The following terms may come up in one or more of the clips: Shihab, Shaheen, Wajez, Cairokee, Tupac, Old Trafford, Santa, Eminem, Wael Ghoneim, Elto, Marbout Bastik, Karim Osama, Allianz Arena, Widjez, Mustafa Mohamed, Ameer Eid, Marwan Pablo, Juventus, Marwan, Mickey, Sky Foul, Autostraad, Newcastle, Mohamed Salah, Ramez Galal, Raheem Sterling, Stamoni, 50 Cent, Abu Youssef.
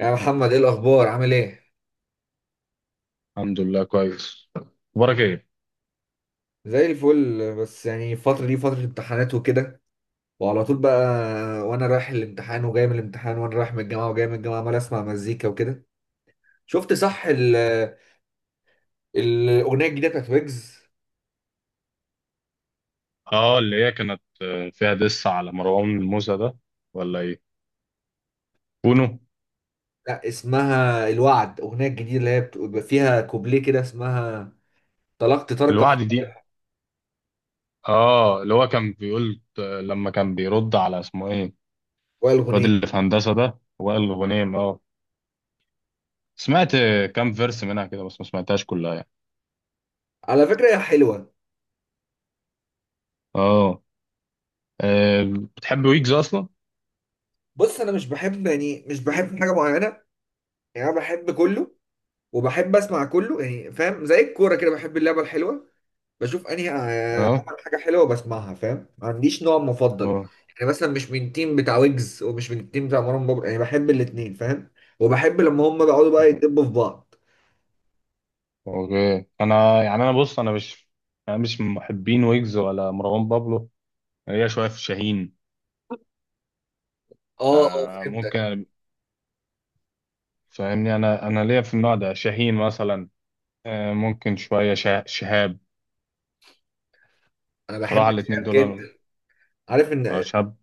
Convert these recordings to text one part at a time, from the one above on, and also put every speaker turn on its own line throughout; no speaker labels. يا محمد ايه الاخبار؟ عامل ايه؟
الحمد لله كويس. اخبارك ايه؟
زي الفل، بس يعني الفتره دي فتره امتحانات وكده، وعلى طول بقى وانا رايح الامتحان وجاي من الامتحان وانا رايح من الجامعه وجاي من الجامعه عمال اسمع مزيكا وكده. شفت صح الاغنيه الجديده بتاعت ويجز؟
اه، اللي هي كانت فيها دس على مروان موسى ده ولا ايه؟ كونو.
لا، اسمها الوعد، اغنيه جديده اللي هي بتبقى فيها كوبليه كده، اسمها طلقت تركة
الوعد دي؟ اه، اللي هو كان بيقول لما كان بيرد على اسمه ايه؟ الواد
والغنيه.
اللي في هندسة ده وائل غنيم اه. سمعت كام فيرس منها كده بس ما سمعتهاش كلها يعني.
على فكره هي حلوه.
اه. آه، بتحب ويجز اصلا؟
بص، انا مش بحب يعني، مش بحب حاجه معينه، يعني انا بحب كله وبحب اسمع كله، يعني فاهم؟ زي الكوره كده، بحب اللعبه الحلوه، بشوف انهي
اه،
عمل حاجه حلوه بسمعها، فاهم؟ ما عنديش نوع مفضل.
اه.
يعني مثلا مش من تيم بتاع ويجز ومش من التيم بتاع مروان بابلو، يعني بحب الاتنين فاهم، وبحب لما هم بيقعدوا بقى يدبوا في بعض.
اوكي، انا يعني انا بص، انا مش من محبين ويجز ولا مروان بابلو. هي شويه في شاهين.
اه اه، فهمتك.
ممكن. فاهمني، انا ليا في النوع ده شاهين مثلا. ممكن شويه شهاب.
انا بحب
بصراحه الاتنين
الشاب
دول انا
جدا. عارف ان
شهاب.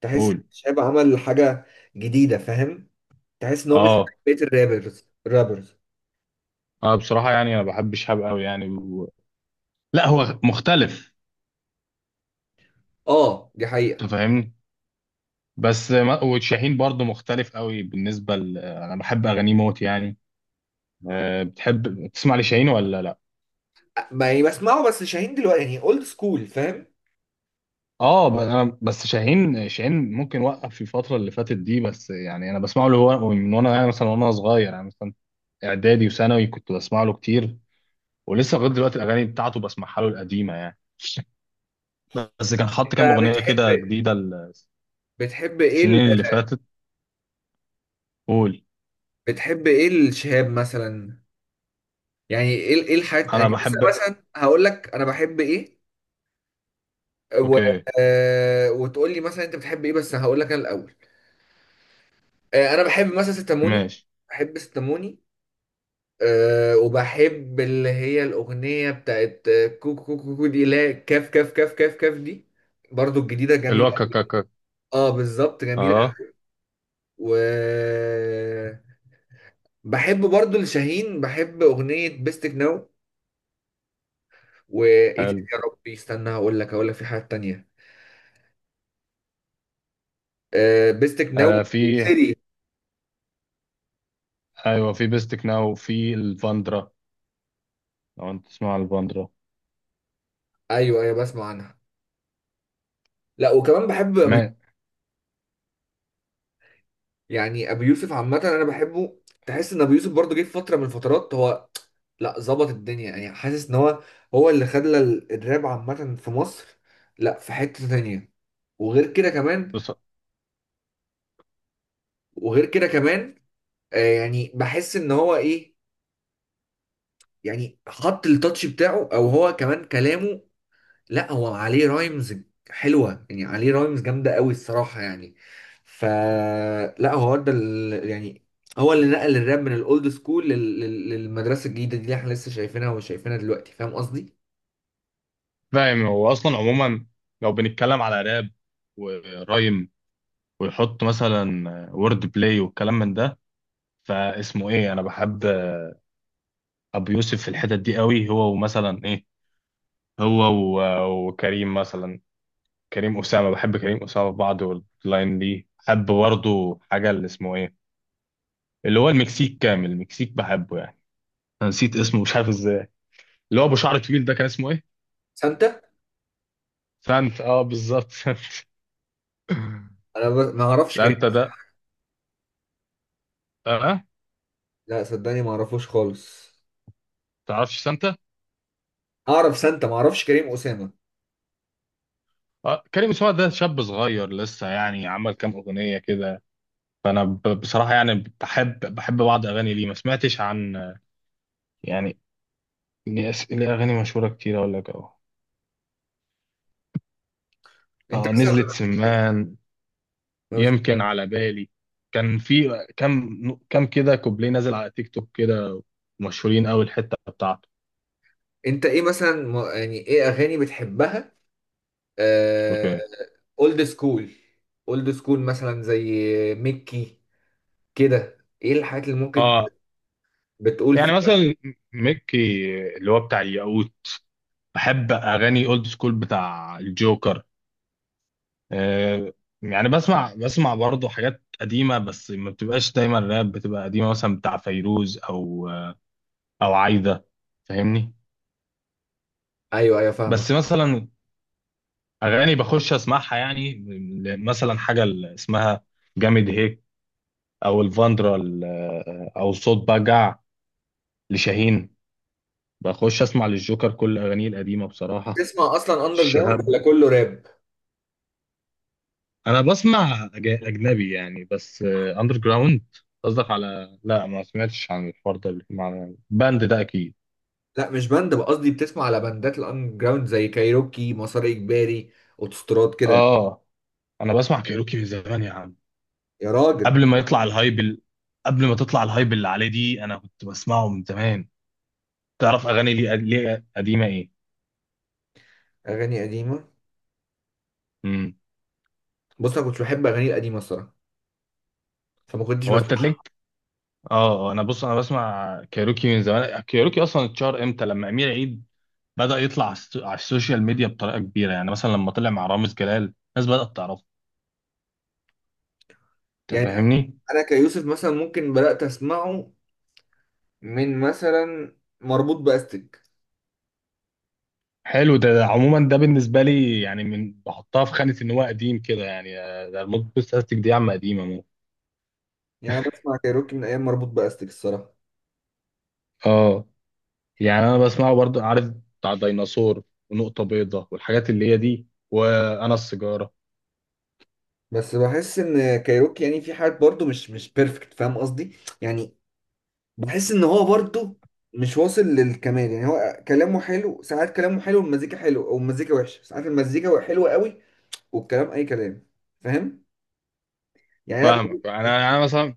تحس إن
قول.
الشاب عمل حاجه جديده، فاهم؟ تحس ان هو مش
اه،
بقية الرابرز.
اه. بصراحه يعني انا بحب شهاب قوي يعني. لا، هو مختلف.
اه دي حقيقه.
انت فاهمني. بس ما... وشاهين برضه مختلف قوي بالنسبه انا بحب اغانيه موت يعني. بتحب تسمع لشاهين ولا لا؟
ما يعني بسمعه، بس شاهين دلوقتي يعني اولد سكول، فاهم؟
اه انا بس شاهين ممكن وقف في الفتره اللي فاتت دي، بس يعني انا بسمعه له من وانا يعني مثلا وانا صغير يعني مثلا اعدادي وثانوي كنت بسمع له كتير. ولسه لغايه دلوقتي الاغاني بتاعته بسمعها له القديمه يعني. بس كان حط
انت
كام اغنيه كده
بتحب
جديده
بتحب ايه
السنين اللي فاتت. قول.
بتحب ايه الشهاب مثلا؟ يعني ايه ايه الحاجات يعني؟
انا
لسه
بحب.
مثلا هقول لك انا بحب ايه و...
اوكي.
وتقول لي مثلا انت بتحب ايه، بس هقول لك انا الاول. انا بحب مثلا ستاموني،
ماشي.
بحب ستاموني. أه، وبحب اللي هي الأغنية بتاعت كوكو كوكو كوكو دي، لا كاف كاف كاف كاف كاف دي، برضو الجديدة
اللي هو
جميلة.
كاكاكا.
اه بالظبط، جميلة.
اه،
و بحب برضو لشاهين، بحب أغنية بيستك ناو. وإيه تاني
حلو.
يا ربي، استنى، هقول لك في حاجة تانية. بيستك ناو
في.
سيري.
ايوه، في بيستك ناو في الفاندرا. لو انت تسمع الفاندرا.
ايوه ايوه، بسمع عنها. لا، وكمان بحب ابو يوسف.
ما.
يعني ابو يوسف عامه انا بحبه. تحس ان ابو يوسف برضه جه في فتره من الفترات هو. لا، ظبط الدنيا يعني، حاسس ان هو هو اللي خلى الراب عامه في مصر. لا في حته تانية، وغير كده كمان،
بص،
وغير كده كمان. آه يعني بحس ان هو ايه، يعني حط التاتش بتاعه، او هو كمان كلامه. لا هو عليه رايمز حلوه، يعني عليه رايمز جامده قوي الصراحه يعني. ف لا هو ده يعني هو اللي نقل الراب من الاولد سكول للمدرسه الجديده دي اللي احنا لسه شايفينها وشايفينها دلوقتي، فاهم قصدي؟
فاهم هو اصلا عموما لو بنتكلم على راب ورايم ويحط مثلا وورد بلاي والكلام من ده. فاسمه ايه؟ انا بحب ابو يوسف في الحتت دي قوي، هو ومثلا ايه، هو وكريم مثلا. كريم أسامة، بحب كريم أسامة في بعض واللاين دي. بحب برضه حاجة اللي اسمه إيه، اللي هو المكسيك. كامل المكسيك بحبه يعني. أنا نسيت اسمه مش عارف إزاي. اللي هو أبو شعر طويل ده، كان اسمه إيه؟
سانتا.
سانتا. أه، بالظبط سانتا.
ما اعرفش كريم.
سانتا ده أه.
لا صدقني، ما اعرفوش خالص.
تعرفش سانتا؟
اعرف سانتا، ما اعرفش كريم اسامه.
أه، كريم أسامة ده شاب صغير لسه يعني، عمل كام أغنية كده. فأنا بصراحة يعني بحب بعض أغاني ليه. ما سمعتش عن يعني ليه ليه أغاني مشهورة كتير. أقول لك أهو.
انت
آه، نزلت
مثلا
سمان
ما بتح...
يمكن على بالي. كان في كم كده كوبليه نازل على تيك توك كده مشهورين قوي الحته بتاعته.
انت ايه مثلا يعني ايه اغاني بتحبها؟ آه،
اوكي.
اولد سكول، اولد سكول مثلا زي ميكي كده، ايه الحاجات اللي ممكن
اه،
بتقول
يعني
فيها؟
مثلا ميكي، اللي هو بتاع الياقوت. بحب اغاني اولد سكول بتاع الجوكر. آه، يعني بسمع، بسمع برضه حاجات قديمه بس ما بتبقاش دايما راب، بتبقى قديمه مثلا بتاع فيروز او او عايده. فاهمني.
ايوه ايوه، فاهمك.
بس مثلا اغاني بخش اسمعها يعني، مثلا حاجه اللي اسمها جامد هيك، او الفاندرا او صوت بجع لشاهين. بخش اسمع للجوكر كل اغانيه القديمه بصراحه.
بتسمع اصلا اندر جراوند
الشهاب.
ولا كله راب؟
انا بسمع اجنبي يعني بس. اندر جراوند؟ قصدك على، لا ما سمعتش عن الحوار ده اللي مع باند ده اكيد.
لا مش باند بقى، قصدي بتسمع على باندات الاندر جراوند زي كايروكي، مسار اجباري، اوتوستراد كده.
اه، انا بسمع كايروكي من زمان يا عم.
يا راجل.
قبل ما يطلع الهايب ال- قبل ما تطلع الهايب اللي عليه دي انا كنت بسمعه من زمان. تعرف اغاني ليه، ليه قديمه ايه.
اغاني قديمه.
امم.
بص انا كنت بحب اغاني القديمه الصراحه، فما كنتش
هو
بس.
انت تلاقيك. اه، اه، انا بص انا بسمع كايروكي من زمان. كايروكي اصلا اتشهر امتى؟ لما امير عيد بدأ يطلع على على السوشيال ميديا بطريقه كبيره، يعني مثلا لما طلع مع رامز جلال الناس بدأت تعرفه. انت
يعني
فاهمني.
انا كيوسف مثلا ممكن بدات اسمعه من مثلا مربوط باستك.
حلو ده, عموما ده بالنسبه لي يعني من بحطها في خانه ان هو قديم كده يعني. ده الموت استاتيك دي عم قديمه مو.
يعني انا بسمع كايروكي من ايام مربوط باستك الصراحه.
اه، يعني انا بسمعه برضو، عارف، بتاع ديناصور ونقطه بيضاء والحاجات اللي هي دي وانا السيجاره.
بس بحس ان كايروكي يعني في حاجات برضو مش بيرفكت، فاهم قصدي؟ يعني بحس ان هو برضه مش واصل للكمال، يعني هو كلامه حلو ساعات، كلامه حلو والمزيكا حلو، او المزيكا وحشه، ساعات المزيكا حلوه قوي والكلام اي كلام، فاهم؟ يعني
فاهمك. يعني انا مثلا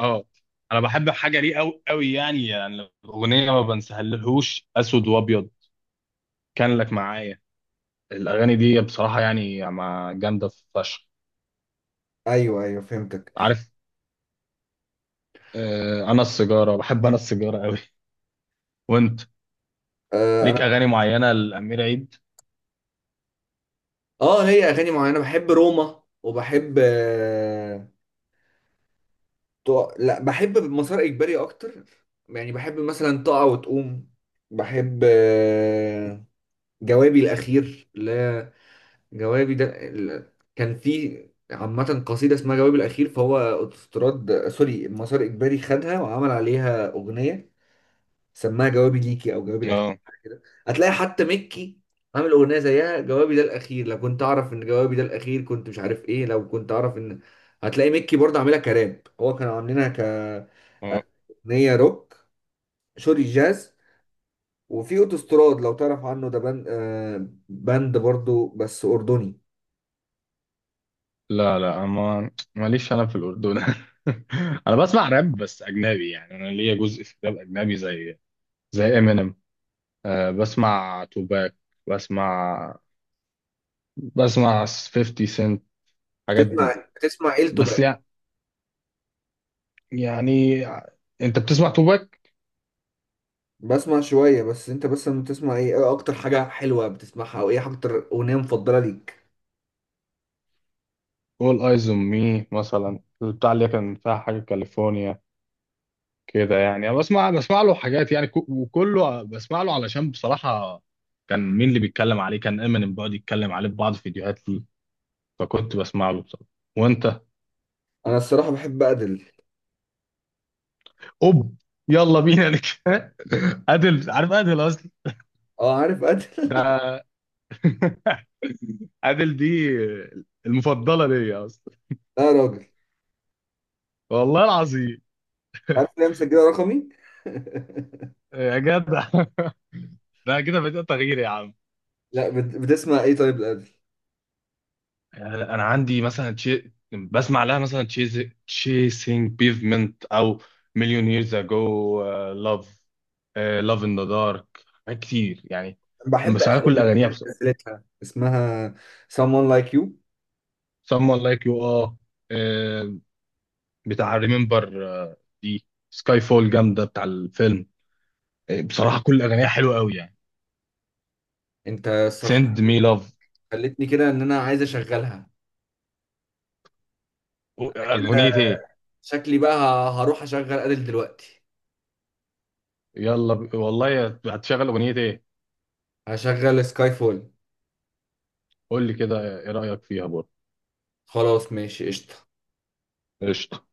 اه انا بحب حاجه ليه قوي قوي يعني، يعني الاغنيه ما بنسهلهوش اسود وابيض. كان لك معايا. الاغاني دي بصراحه يعني مع جامده فشخ.
ايوه ايوه، فهمتك.
عارف. آه، انا السيجاره بحب، انا السيجاره قوي. وانت
آه انا
ليك اغاني معينه لامير عيد؟
اه، هي اغاني معينه، بحب روما وبحب لا بحب مسار اجباري اكتر، يعني بحب مثلا تقع وتقوم، بحب جوابي الاخير. لا، جوابي ده كان في عامة قصيدة اسمها جوابي الأخير، فهو أوتوستراد سوري مسار إجباري خدها وعمل عليها أغنية، سماها جوابي ليكي أو جوابي الأخير
اه،
حاجة كده. هتلاقي حتى مكي عامل أغنية زيها، جوابي ده الأخير لو كنت أعرف إن جوابي ده الأخير كنت مش عارف إيه، لو كنت أعرف إن. هتلاقي مكي برضه عاملها كراب، هو كانوا عاملينها كأغنية
اه.
روك، سوري جاز. وفي أوتوستراد لو تعرف عنه، ده بند باند برضه بس أردني.
لا، لا، أنا ما ماليش انا في الاردن. انا بسمع راب بس اجنبي يعني. انا ليا جزء في راب اجنبي زي، زي امينيم. أه، بسمع توباك. بسمع، بسمع 50 سنت. الحاجات دي.
تسمع إلتو؟
بس يعني, يعني انت بتسمع توباك؟
بسمع شوية، بس انت بس لما بتسمع ايه، ايه اكتر حاجة حلوة بتسمعها او ايه اكتر اغنية مفضلة ليك؟
اول ايز اون مي مثلا، البتاع اللي كان فيها حاجه كاليفورنيا كده يعني. انا بسمع، بسمع له حاجات يعني وكله بسمع له علشان بصراحه كان مين اللي بيتكلم عليه؟ كان امينيم بيقعد يتكلم عليه في بعض الفيديوهات ليه، فكنت بسمع له بصراحه. وانت؟
انا الصراحة بحب ادل.
اوب. يلا بينا نك. ادل. عارف ادل اصلا؟
اه عارف ادل
ده. ادل دي المفضله ليا اصلا.
لا يا راجل،
والله العظيم.
عارف ليه مسجلة رقمي
يا جدع. ده كده بدأ تغيير يا عم.
لا بتسمع ايه طيب لادل؟
آه، انا عندي مثلا بسمع لها مثلا تشيسينج بيفمنت، او مليون ييرز اجو، لاف، لاف ان ذا دارك. حاجات كتير يعني. انا
بحب
بسمع لها
اخر
كل اغانيها
اغنية
بس.
نزلتها اسمها Someone Like You.
Someone like you، اه. آه، بتاع ريمبر. دي سكاي فول جامده بتاع الفيلم. آه، بصراحه كل اغانيها حلوه قوي يعني.
انت
سند
الصراحة
مي لاف.
خلتني كده ان انا عايز اشغلها. انا كده
اغنيه ايه؟
شكلي بقى هروح اشغل ادل دلوقتي.
يلا والله هتشغل اغنيه ايه؟
هشغل سكاي فول.
قول لي كده ايه رايك فيها برضه.
خلاص ماشي قشطة.
قشطة.